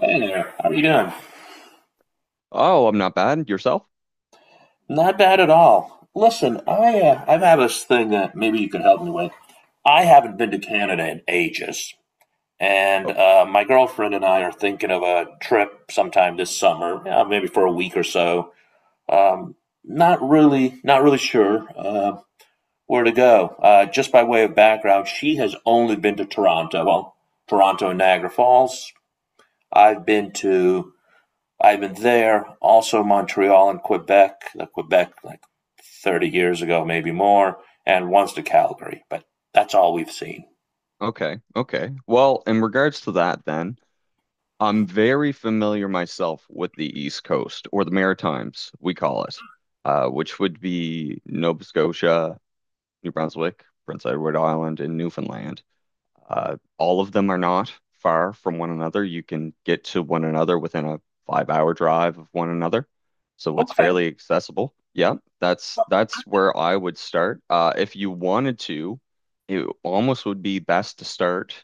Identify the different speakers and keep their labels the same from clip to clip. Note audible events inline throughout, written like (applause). Speaker 1: Hey there, how are you doing?
Speaker 2: Oh, I'm not bad. Yourself?
Speaker 1: Not bad at all. Listen, I've had this thing that maybe you can help me with. I haven't been to Canada in ages, and
Speaker 2: Oh,
Speaker 1: my girlfriend and I are thinking of a trip sometime this summer, yeah, maybe for a week or so. Um, not really sure where to go. Just by way of background, she has only been to Toronto, well, Toronto and Niagara Falls. I've been to I've been there, also Montreal and Quebec, the Quebec like 30 years ago, maybe more, and once to Calgary, but that's all we've seen.
Speaker 2: okay. Okay. Well, in regards to that, then, I'm very familiar myself with the East Coast, or the Maritimes, we call it, which would be Nova Scotia, New Brunswick, Prince Edward Island, and Newfoundland. All of them are not far from one another. You can get to one another within a five-hour drive of one another. So it's
Speaker 1: Okay.
Speaker 2: fairly accessible. Yeah, that's where I would start. If you wanted to, it almost would be best to start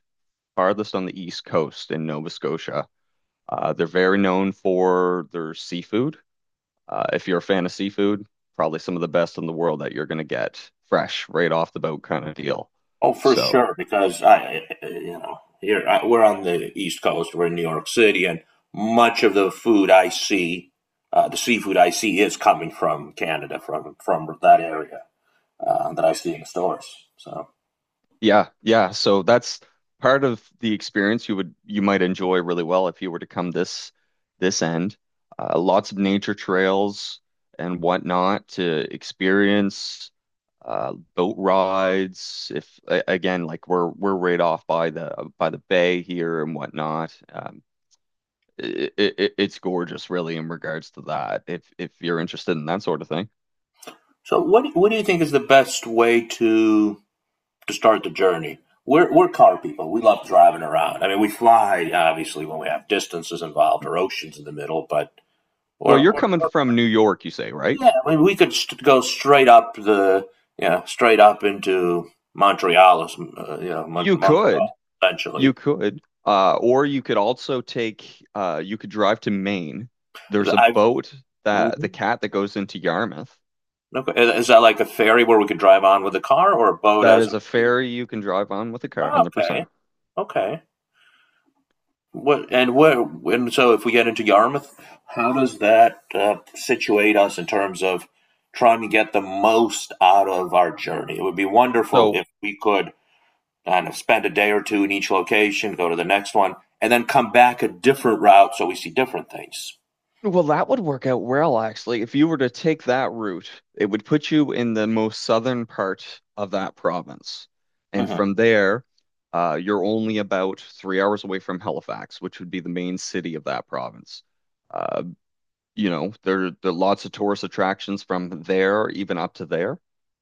Speaker 2: farthest on the east coast in Nova Scotia. They're very known for their seafood. If you're a fan of seafood, probably some of the best in the world that you're going to get fresh right off the boat kind of deal.
Speaker 1: Oh, for
Speaker 2: So
Speaker 1: sure, because I, you know, here I, we're on the East Coast, we're in New York City, and much of the food I see, the seafood I see, is coming from Canada, from that area that I see in the stores. So,
Speaker 2: yeah, yeah. So that's part of the experience you might enjoy really well if you were to come this end. Lots of nature trails and whatnot to experience. Boat rides. If a- Again, like we're right off by the bay here and whatnot. It's gorgeous, really, in regards to that. If you're interested in that sort of thing.
Speaker 1: so what do you think is the best way to start the journey? We're car people. We love driving around. I mean, we fly obviously when we have distances involved or oceans in the middle, but
Speaker 2: Well,
Speaker 1: we're, we're,
Speaker 2: you're coming
Speaker 1: we're
Speaker 2: from New York, you say, right?
Speaker 1: yeah. I mean, we could go straight up the straight up into Montreal,
Speaker 2: You
Speaker 1: Montreal
Speaker 2: could. You
Speaker 1: essentially.
Speaker 2: could, or you could also take, you could drive to Maine. There's a
Speaker 1: I
Speaker 2: boat that the
Speaker 1: Mhm.
Speaker 2: cat that goes into Yarmouth.
Speaker 1: Okay. Is that like a ferry where we could drive on with a car or a boat
Speaker 2: That
Speaker 1: as a —
Speaker 2: is a ferry you can drive on with a car,
Speaker 1: oh, okay,
Speaker 2: 100%.
Speaker 1: okay. What and where and so if we get into Yarmouth, how does that situate us in terms of trying to get the most out of our journey? It would be wonderful
Speaker 2: So,
Speaker 1: if we could kind of spend a day or two in each location, go to the next one, and then come back a different route so we see different things.
Speaker 2: well, that would work out well, actually. If you were to take that route, it would put you in the most southern part of that province. And
Speaker 1: Hmm.
Speaker 2: from there, you're only about 3 hours away from Halifax, which would be the main city of that province. Uh, you know, there are lots of tourist attractions from there, even up to there,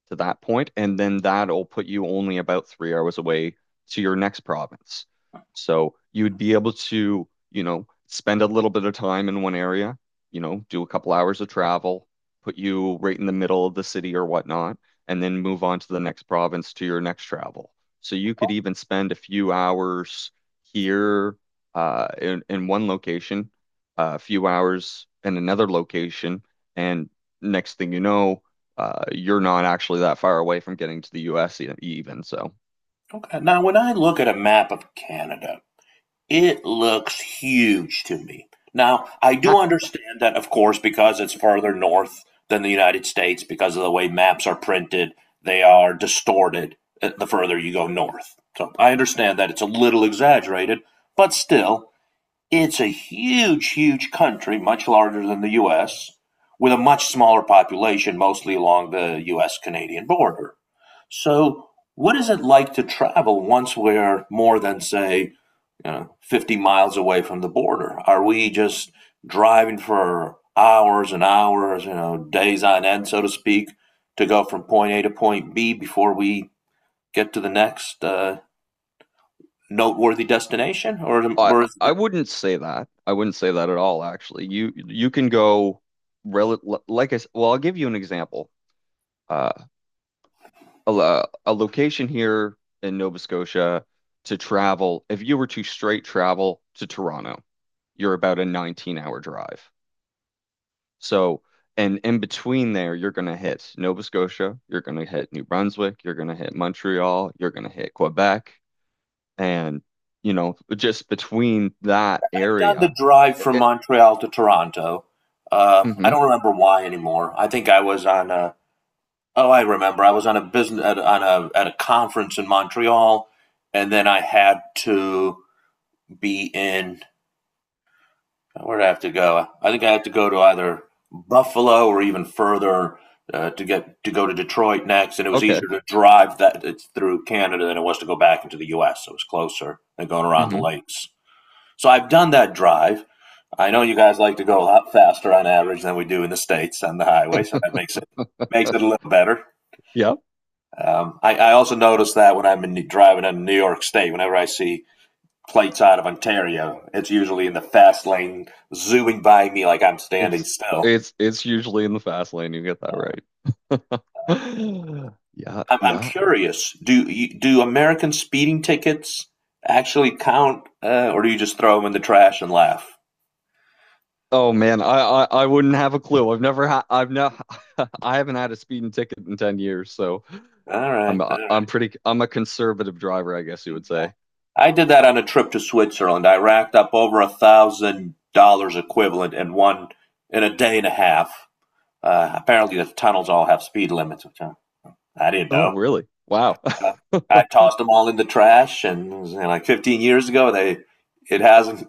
Speaker 2: to that point, and then that'll put you only about 3 hours away to your next province. So you would be able to, you know, spend a little bit of time in one area, you know, do a couple hours of travel, put you right in the middle of the city or whatnot, and then move on to the next province to your next travel. So you could even spend a few hours here in one location, a few hours in another location, and next thing you know, you're not actually that far away from getting to the U.S. Even. So
Speaker 1: Okay. Now, when I look at a map of Canada, it looks huge to me. Now, I do understand that, of course, because it's further north than the United States, because of the way maps are printed, they are distorted the further you go north. So I understand that it's a little exaggerated, but still, it's a huge, huge country, much larger than the U.S., with a much smaller population, mostly along the U.S. Canadian border. So, what is it like to travel once we're more than, say, you know, 50 miles away from the border? Are we just driving for hours and hours, you know, days on end, so to speak, to go from point A to point B before we get to the next noteworthy destination?
Speaker 2: I
Speaker 1: Or is it
Speaker 2: I wouldn't say that. I wouldn't say that at all, actually. You can go rel like I s- well, I'll give you an example. Uh, a location here in Nova Scotia to travel, if you were to straight travel to Toronto, you're about a 19-hour drive. So, and in between there, you're going to hit Nova Scotia, you're going to hit New Brunswick, you're going to hit Montreal, you're going to hit Quebec. And, you know, just between that
Speaker 1: like down the
Speaker 2: area,
Speaker 1: drive from
Speaker 2: it,
Speaker 1: Montreal to Toronto? I
Speaker 2: hmm
Speaker 1: don't remember why anymore. I think I was on a, oh, I remember. I was on a business, at, on a, at a conference in Montreal, and then I had to be in — where'd I have to go? I think I have to go to either Buffalo or even further to get to go to Detroit next. And it was
Speaker 2: okay.
Speaker 1: easier to drive that it's through Canada than it was to go back into the U.S. So it was closer than going around the
Speaker 2: hmm
Speaker 1: lakes. So I've done that drive. I know you guys like to go a lot faster on average than we do in the states on the highway, so that makes it a little better.
Speaker 2: Yeah.
Speaker 1: I also noticed that when I'm in, driving in New York State, whenever I see plates out of Ontario. It's usually in the fast lane, zooming by me like I'm standing
Speaker 2: It's,
Speaker 1: still.
Speaker 2: it's usually in the fast lane. You get that right. (gasps) (sighs) Yeah.
Speaker 1: I'm
Speaker 2: Yeah.
Speaker 1: curious. Do American speeding tickets actually count, or do you just throw them in the trash and laugh?
Speaker 2: Oh man, I wouldn't have a clue. I've never had, I've not, (laughs) I haven't had a speeding ticket in 10 years. So
Speaker 1: All right,
Speaker 2: I'm,
Speaker 1: all right.
Speaker 2: I'm pretty, I'm a conservative driver, I guess you would say.
Speaker 1: I did that on a trip to Switzerland. I racked up over $1,000 equivalent in one in a day and a half. Apparently, the tunnels all have speed limits, which I didn't
Speaker 2: Oh,
Speaker 1: know.
Speaker 2: really? Wow.
Speaker 1: Uh,
Speaker 2: (laughs)
Speaker 1: I tossed them all in the trash, and it was, you know, like 15 years ago, they it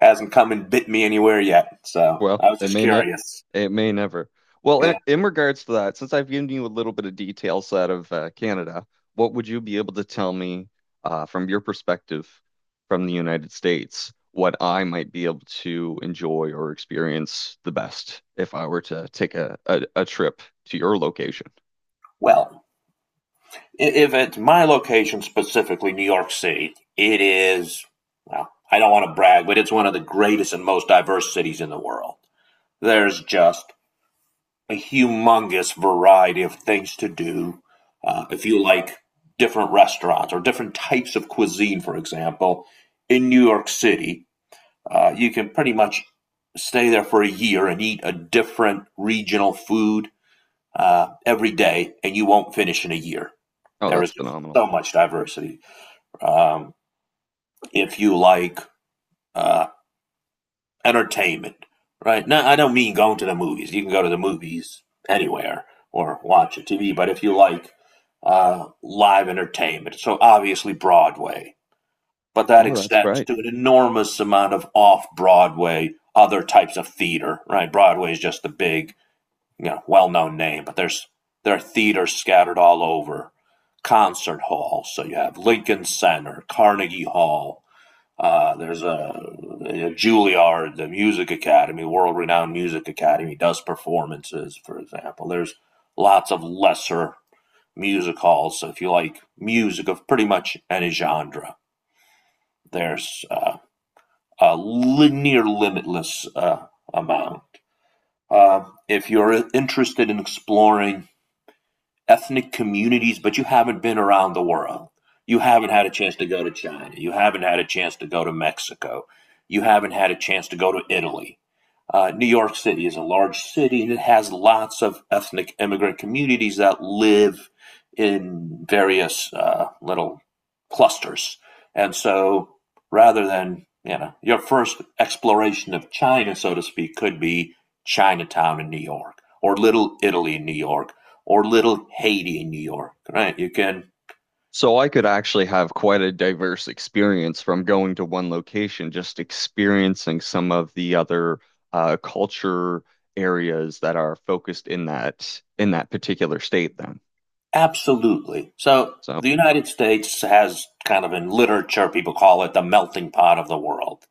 Speaker 1: hasn't come and bit me anywhere yet. So
Speaker 2: Well,
Speaker 1: I was
Speaker 2: it
Speaker 1: just
Speaker 2: may ne
Speaker 1: curious.
Speaker 2: it may never. Well,
Speaker 1: Yeah.
Speaker 2: in regards to that, since I've given you a little bit of details out of Canada, what would you be able to tell me from your perspective, from the United States, what I might be able to enjoy or experience the best if I were to take a trip to your location?
Speaker 1: Well, if it's my location specifically, New York City, it is. Well, I don't want to brag, but it's one of the greatest and most diverse cities in the world. There's just a humongous variety of things to do. If you like different restaurants or different types of cuisine, for example, in New York City, you can pretty much stay there for a year and eat a different regional food every day, and you won't finish in a year.
Speaker 2: Oh,
Speaker 1: There is
Speaker 2: that's
Speaker 1: just
Speaker 2: phenomenal.
Speaker 1: so much diversity. Um, if you like uh, entertainment, right? Now, I don't mean going to the movies. You can go to the movies anywhere or watch a TV, but if you like live entertainment, so obviously Broadway. But that
Speaker 2: Oh, that's
Speaker 1: extends
Speaker 2: right.
Speaker 1: to an enormous amount of off-Broadway, other types of theater, right? Broadway is just the big, you know, well-known name, but there are theaters scattered all over, concert halls. So you have Lincoln Center, Carnegie Hall. Uh, there's a, a Juilliard, the Music Academy, world-renowned Music Academy, does performances, for example. There's lots of lesser music halls, so if you like music of pretty much any genre. There's uh, Near limitless amount. If you're interested in exploring ethnic communities, but you haven't been around the world. You haven't had a chance to go to China. You haven't had a chance to go to Mexico. You haven't had a chance to go to Italy. New York City is a large city and it has lots of ethnic immigrant communities that live in various little clusters. And so rather than, you know, your first exploration of China, so to speak, could be Chinatown in New York or Little Italy in New York or Little Haiti in New York, right? You can
Speaker 2: So I could actually have quite a diverse experience from going to one location, just experiencing some of the other culture areas that are focused in that particular state then.
Speaker 1: absolutely. So
Speaker 2: So,
Speaker 1: the United States has kind of in literature, people call it the melting pot of the world.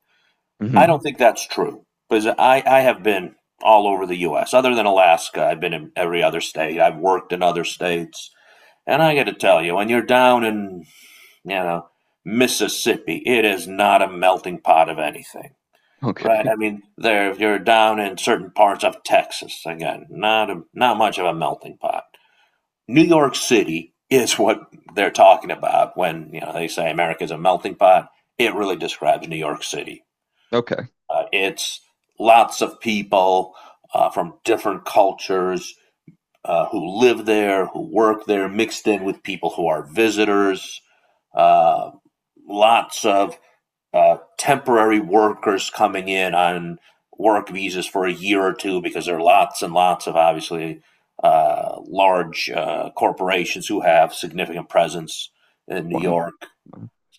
Speaker 1: I
Speaker 2: mhm.
Speaker 1: don't think that's true because I have been all over the US. Other than Alaska, I've been in every other state. I've worked in other states. And I got to tell you, when you're down in, you know, Mississippi, it is not a melting pot of anything.
Speaker 2: (laughs)
Speaker 1: Right.
Speaker 2: Okay.
Speaker 1: I mean, there you're down in certain parts of Texas again. Not much of a melting pot. New York City is what they're talking about when you know they say America's a melting pot. It really describes New York City.
Speaker 2: Okay.
Speaker 1: It's lots of people from different cultures who live there, who work there, mixed in with people who are visitors. Uh, Lots of temporary workers coming in on work visas for a year or two because there are lots and lots of obviously large corporations who have significant presence in New
Speaker 2: Wow.
Speaker 1: York.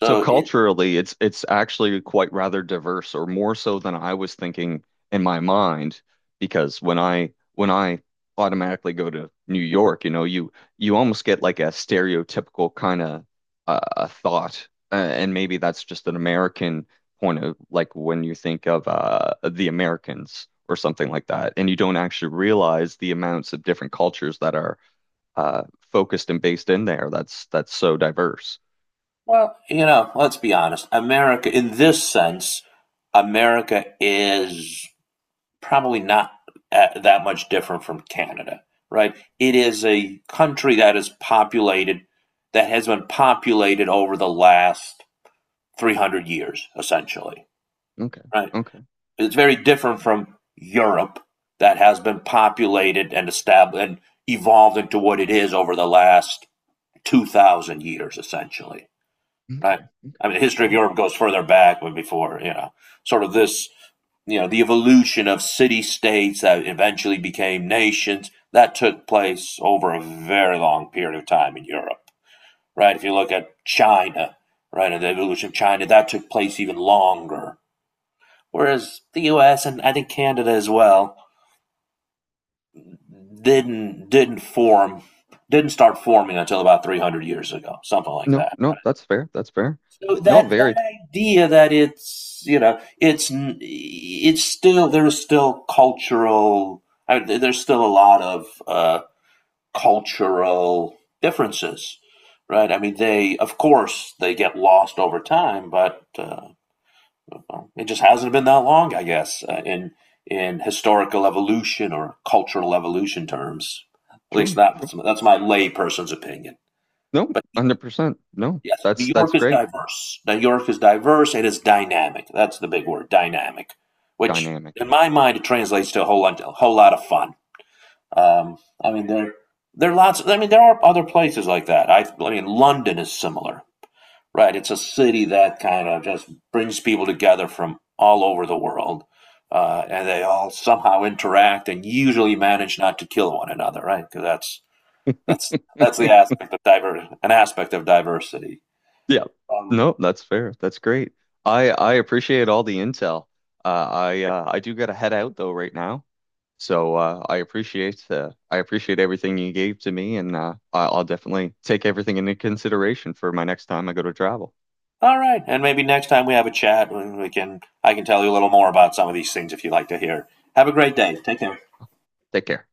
Speaker 2: So
Speaker 1: it,
Speaker 2: culturally, it's actually quite rather diverse, or more so than I was thinking in my mind, because when I automatically go to New York, you know, you almost get like a stereotypical kind of a thought, and maybe that's just an American point of like when you think of the Americans or something like that, and you don't actually realize the amounts of different cultures that are uh, focused and based in there. That's so diverse.
Speaker 1: well, you know, let's be honest. America, in this sense, America is probably not that much different from Canada, right? It is a country that is populated, that has been populated over the last 300 years, essentially,
Speaker 2: Okay.
Speaker 1: right?
Speaker 2: Okay.
Speaker 1: It's very different from Europe that has been populated and established and evolved into what it is over the last 2,000 years, essentially, right?
Speaker 2: Okay.
Speaker 1: I
Speaker 2: Okay.
Speaker 1: mean, the history of
Speaker 2: Wow.
Speaker 1: Europe goes further back when before, you know, sort of this, you know, the evolution of city states that eventually became nations that took place over a very long period of time in Europe, right? If you look at China, right, and the evolution of China, that took place even longer, whereas the U.S. and I think Canada as well didn't didn't form didn't start forming until about 300 years ago, something like
Speaker 2: No,
Speaker 1: that.
Speaker 2: no, that's fair. That's fair.
Speaker 1: So
Speaker 2: No,
Speaker 1: that
Speaker 2: very
Speaker 1: that idea that it's you know it's still there's still cultural — I mean, there's still a lot of cultural differences, right? I mean, they of course they get lost over time, but well, it just hasn't been that long, I guess, in historical evolution or cultural evolution terms. At least
Speaker 2: sure, sure.
Speaker 1: that's my layperson's opinion.
Speaker 2: No,
Speaker 1: But
Speaker 2: 100%. No,
Speaker 1: yes,
Speaker 2: that's
Speaker 1: New
Speaker 2: that's
Speaker 1: York is
Speaker 2: great.
Speaker 1: diverse. New York is diverse. It is dynamic. That's the big word, dynamic, which
Speaker 2: Dynamic.
Speaker 1: in my mind it translates to a whole lot of fun. Um, I mean, there are lots. I mean, there are other places like that. I mean, London is similar. Right. It's a city that kind of just brings people together from all over the world. And they all somehow interact and usually manage not to kill one another, right? Because that's the
Speaker 2: (laughs)
Speaker 1: aspect of diver an aspect of diversity.
Speaker 2: Yeah.
Speaker 1: Um,
Speaker 2: No, that's fair. That's great. I appreciate all the intel. I do gotta head out though right now. So I appreciate, I appreciate everything you gave to me, and I'll definitely take everything into consideration for my next time I go to travel.
Speaker 1: all right, and maybe next time we have a chat, we can I can tell you a little more about some of these things if you'd like to hear. Have a great day. Take care.
Speaker 2: Take care.